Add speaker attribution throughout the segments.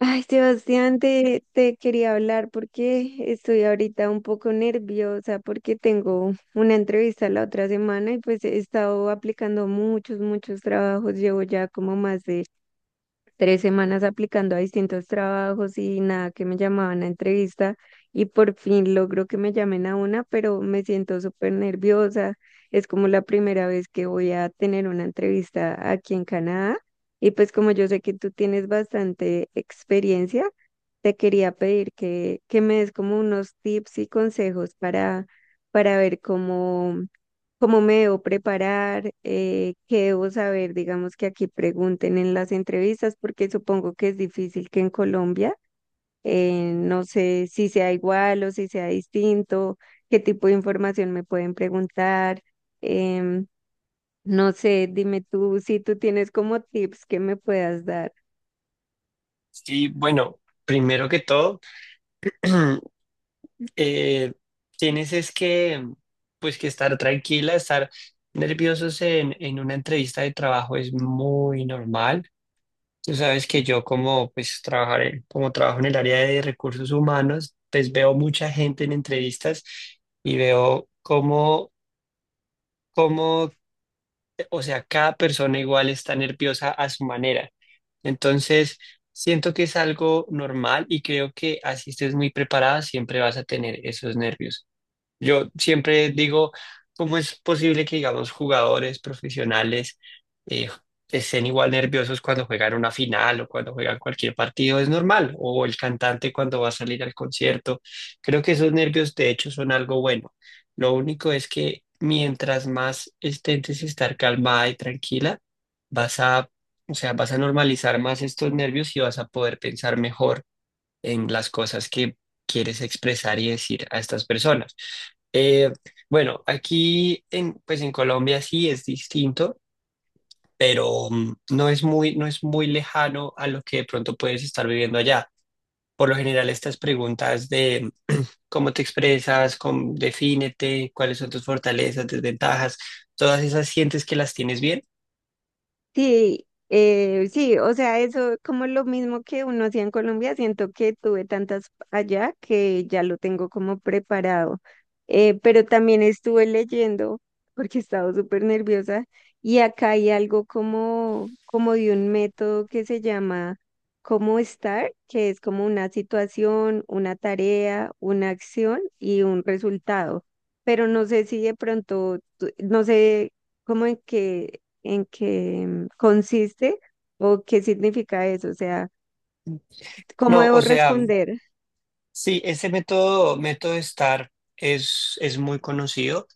Speaker 1: Ay, Sebastián, te quería hablar porque estoy ahorita un poco nerviosa porque tengo una entrevista la otra semana y pues he estado aplicando muchos trabajos. Llevo ya como más de tres semanas aplicando a distintos trabajos y nada que me llamaban a entrevista, y por fin logro que me llamen a una, pero me siento súper nerviosa. Es como la primera vez que voy a tener una entrevista aquí en Canadá, y pues como yo sé que tú tienes bastante experiencia, te quería pedir que me des como unos tips y consejos para ver cómo me debo preparar, qué debo saber, digamos que aquí pregunten en las entrevistas, porque supongo que es difícil que en Colombia, no sé si sea igual o si sea distinto, qué tipo de información me pueden preguntar. em, no sé, dime tú si tú tienes como tips que me puedas dar.
Speaker 2: Sí, bueno, primero que todo, eh, tienes es que, pues que estar tranquila, estar nerviosos en una entrevista de trabajo es muy normal. Tú sabes que yo como, pues, como trabajo en el área de recursos humanos, pues veo mucha gente en entrevistas y veo cómo, o sea, cada persona igual está nerviosa a su manera. Entonces, siento que es algo normal y creo que así estés muy preparada, siempre vas a tener esos nervios. Yo siempre digo, ¿cómo es posible que, digamos, jugadores profesionales eh, estén igual nerviosos cuando juegan una final o cuando juegan cualquier partido? Es normal. O el cantante cuando va a salir al concierto. Creo que esos nervios, de hecho, son algo bueno. Lo único es que mientras más intentes estar calmada y tranquila, vas a, o sea, vas a normalizar más estos nervios y vas a poder pensar mejor en las cosas que quieres expresar y decir a estas personas. Eh, bueno, pues en Colombia sí es distinto, pero no es muy, no es muy lejano a lo que de pronto puedes estar viviendo allá. Por lo general, estas preguntas de cómo te expresas, cómo, defínete, cuáles son tus fortalezas, desventajas, todas esas sientes que las tienes bien.
Speaker 1: Sí, sí, o sea, eso como lo mismo que uno hacía en Colombia, siento que tuve tantas allá que ya lo tengo como preparado. Pero también estuve leyendo, porque estaba súper nerviosa, y acá hay algo como de un método que se llama cómo estar, que es como una situación, una tarea, una acción y un resultado. Pero no sé si de pronto, no sé cómo en qué en qué consiste o qué significa eso, o sea, cómo
Speaker 2: No, o
Speaker 1: debo
Speaker 2: sea, mm,
Speaker 1: responder.
Speaker 2: sí, ese método, método de estar es muy conocido.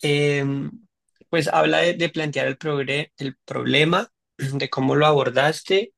Speaker 2: Em, pues habla de plantear el problema, de cómo lo abordaste,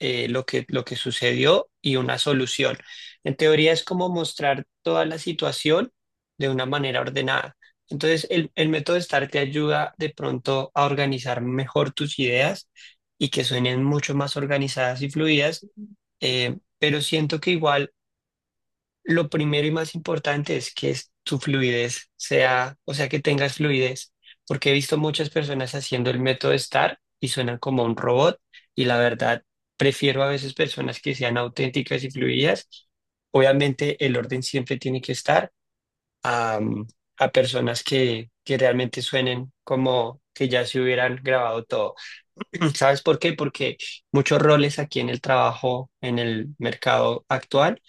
Speaker 2: lo que sucedió y una solución. En teoría es como mostrar toda la situación de una manera ordenada. Entonces, el método STAR te ayuda de pronto a organizar mejor tus ideas y que suenen mucho más organizadas y fluidas, pero siento que igual lo primero y más importante es que tu fluidez sea, o sea, que tengas fluidez, porque he visto muchas personas haciendo el método STAR y suenan como un robot y la verdad prefiero a veces personas que sean auténticas y fluidas. Obviamente el orden siempre tiene que estar a, a personas que realmente suenen como que ya se hubieran grabado todo. ¿Sabes por qué? Porque muchos roles aquí en el trabajo, en el mercado actual,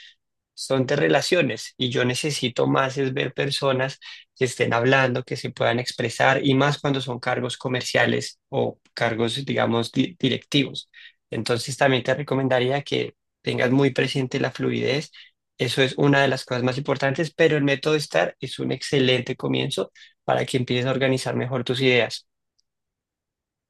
Speaker 2: son de relaciones y yo necesito más es ver personas que estén hablando, que se puedan expresar y más cuando son cargos comerciales o cargos, digamos, directivos. Entonces también te recomendaría que tengas muy presente la fluidez. Eso es una de las cosas más importantes, pero el método STAR es un excelente comienzo para que empieces a organizar mejor tus ideas.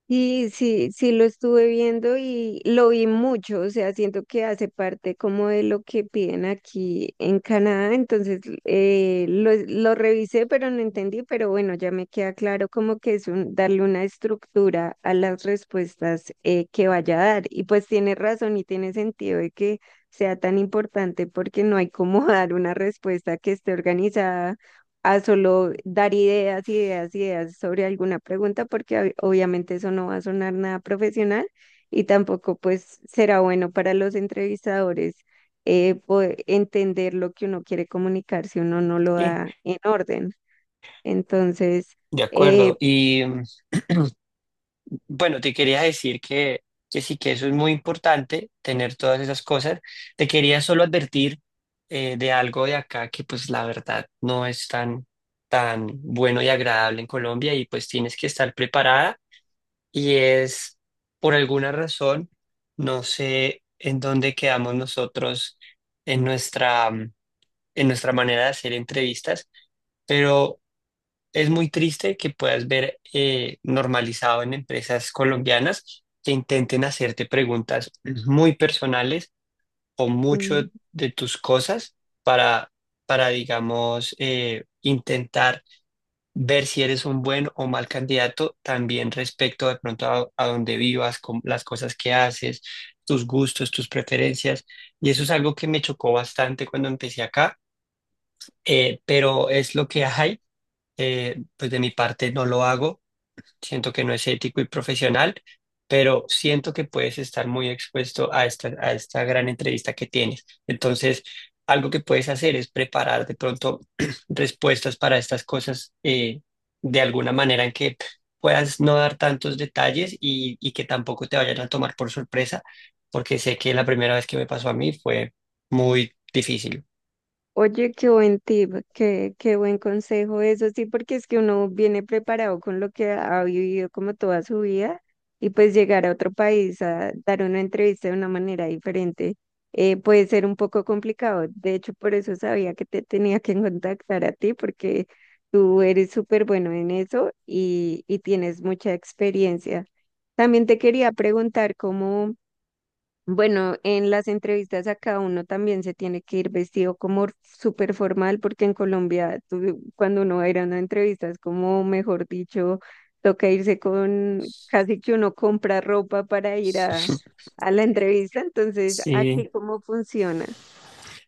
Speaker 1: Sí, sí, sí lo estuve viendo y lo vi mucho, o sea, siento que hace parte como de lo que piden aquí en Canadá, entonces lo revisé pero no entendí, pero bueno, ya me queda claro como que es un, darle una estructura a las respuestas, que vaya a dar, y pues tiene razón y tiene sentido de que sea tan importante porque no hay como dar una respuesta que esté organizada a solo dar ideas, ideas, ideas sobre alguna pregunta, porque obviamente eso no va a sonar nada profesional y tampoco pues será bueno para los entrevistadores, poder entender lo que uno quiere comunicar si uno no lo
Speaker 2: Sí,
Speaker 1: da en orden. Entonces,
Speaker 2: de
Speaker 1: eh,
Speaker 2: acuerdo. Y bueno, te quería decir que sí que eso es muy importante, tener todas esas cosas. Te quería solo advertir de algo de acá que pues la verdad no es tan, tan bueno y agradable en Colombia y pues tienes que estar preparada y es por alguna razón, no sé en dónde quedamos nosotros en nuestra, mm, en nuestra manera de hacer entrevistas, pero es muy triste que puedas ver normalizado en empresas colombianas que intenten hacerte preguntas muy personales o mucho
Speaker 1: mm,
Speaker 2: de tus cosas para, para digamos, intentar ver si eres un buen o mal candidato también respecto de pronto a dónde vivas, con las cosas que haces, tus gustos, tus preferencias. Y eso es algo que me chocó bastante cuando empecé acá, pero es lo que hay. Pues de mi parte no lo hago siento que no es ético y profesional, pero siento que puedes estar muy expuesto a esta gran entrevista que tienes. Entonces, algo que puedes hacer es preparar de pronto respuestas para estas cosas de alguna manera en que puedas no dar tantos detalles y que tampoco te vayan a tomar por sorpresa, porque sé que la primera vez que me pasó a mí fue muy difícil.
Speaker 1: Oye, qué buen tip, qué buen consejo eso, sí, porque es que uno viene preparado con lo que ha vivido como toda su vida, y pues llegar a otro país a dar una entrevista de una manera diferente puede ser un poco complicado. De hecho, por eso sabía que te tenía que contactar a ti porque tú eres súper bueno en eso, y tienes mucha experiencia. También te quería preguntar cómo... Bueno, en las entrevistas acá uno también se tiene que ir vestido como súper formal porque en Colombia cuando uno va a ir a una entrevista es como, mejor dicho, toca irse con, casi que uno compra ropa para ir a la entrevista. Entonces,
Speaker 2: Sí,
Speaker 1: aquí cómo funciona.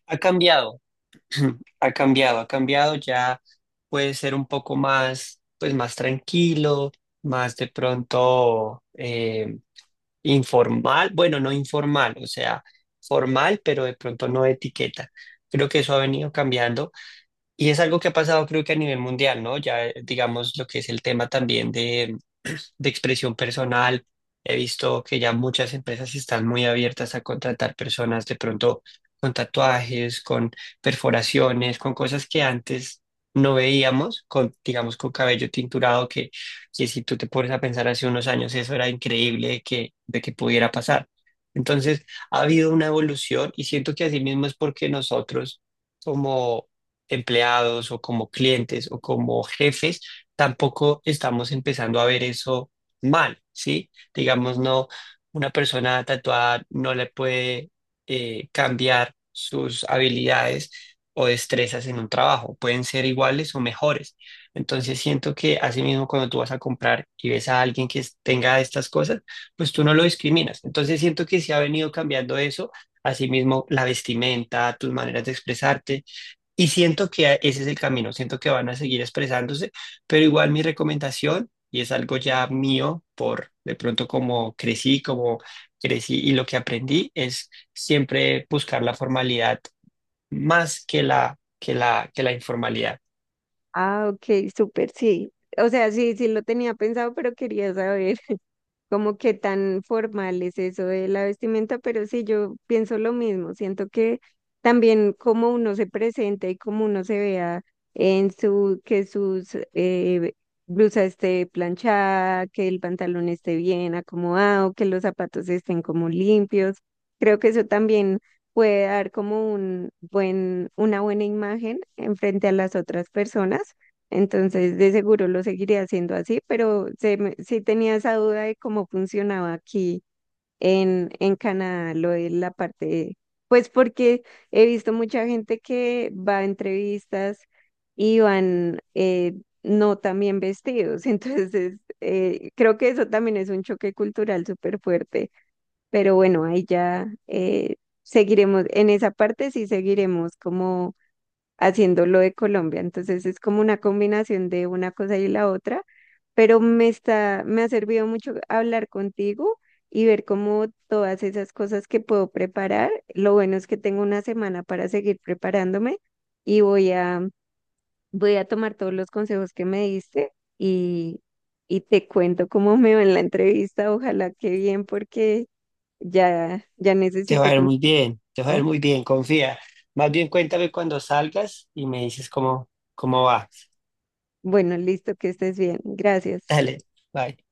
Speaker 2: ha cambiado. Ha cambiado, ya puede ser un poco más, pues más tranquilo, más de pronto informal, bueno, no informal, o sea, formal, pero de pronto no etiqueta. Creo que eso ha venido cambiando. Y es algo que ha pasado creo que a nivel mundial, ¿no? Ya digamos lo que es el tema también de, de expresión personal. He visto que ya muchas empresas están muy abiertas a contratar personas de pronto con tatuajes, con perforaciones, con cosas que antes no veíamos, con, digamos, con cabello tinturado, que si tú te pones a pensar hace unos años, eso era increíble de que pudiera pasar. Entonces, ha habido una evolución y siento que así mismo es porque nosotros como empleados o como clientes o como jefes, tampoco estamos empezando a ver eso mal, ¿sí? Digamos, no, una persona tatuada no le puede cambiar sus habilidades o destrezas en un trabajo, pueden ser iguales o mejores. Entonces siento que así mismo cuando tú vas a comprar y ves a alguien que tenga estas cosas, pues tú no lo discriminas. Entonces siento que sí ha venido cambiando eso, así mismo la vestimenta, tus maneras de expresarte. Y siento que ese es el camino, siento que van a seguir expresándose, pero igual mi recomendación, y es algo ya mío por de pronto como crecí y lo que aprendí, es siempre buscar la formalidad más que la, que la, que la informalidad.
Speaker 1: Ah, ok, súper, sí. O sea, sí, sí lo tenía pensado, pero quería saber como que tan formal es eso de la vestimenta, pero sí, yo pienso lo mismo, siento que también como uno se presenta y como uno se vea en su, que sus blusa esté planchada, que el pantalón esté bien acomodado, que los zapatos estén como limpios, creo que eso también puede dar como un buen, una buena imagen en frente a las otras personas. Entonces, de seguro lo seguiré haciendo así, pero sí tenía esa duda de cómo funcionaba aquí en Canadá, lo de la parte, pues porque he visto mucha gente que va a entrevistas y van no tan bien vestidos. Entonces, creo que eso también es un choque cultural súper fuerte, pero bueno, ahí ya seguiremos, en esa parte sí seguiremos como haciendo lo de Colombia. Entonces es como una combinación de una cosa y la otra, pero me está, me ha servido mucho hablar contigo y ver cómo todas esas cosas que puedo preparar. Lo bueno es que tengo una semana para seguir preparándome, y voy a tomar todos los consejos que me diste, y, y te cuento cómo me va en la entrevista. Ojalá que bien, porque ya
Speaker 2: Te va
Speaker 1: necesito
Speaker 2: a ir
Speaker 1: consejo.
Speaker 2: muy bien, te va a ir muy bien, confía. Más bien cuéntame cuando salgas y me dices cómo, cómo va.
Speaker 1: Bueno, listo, que estés bien. Gracias.
Speaker 2: Dale, bye.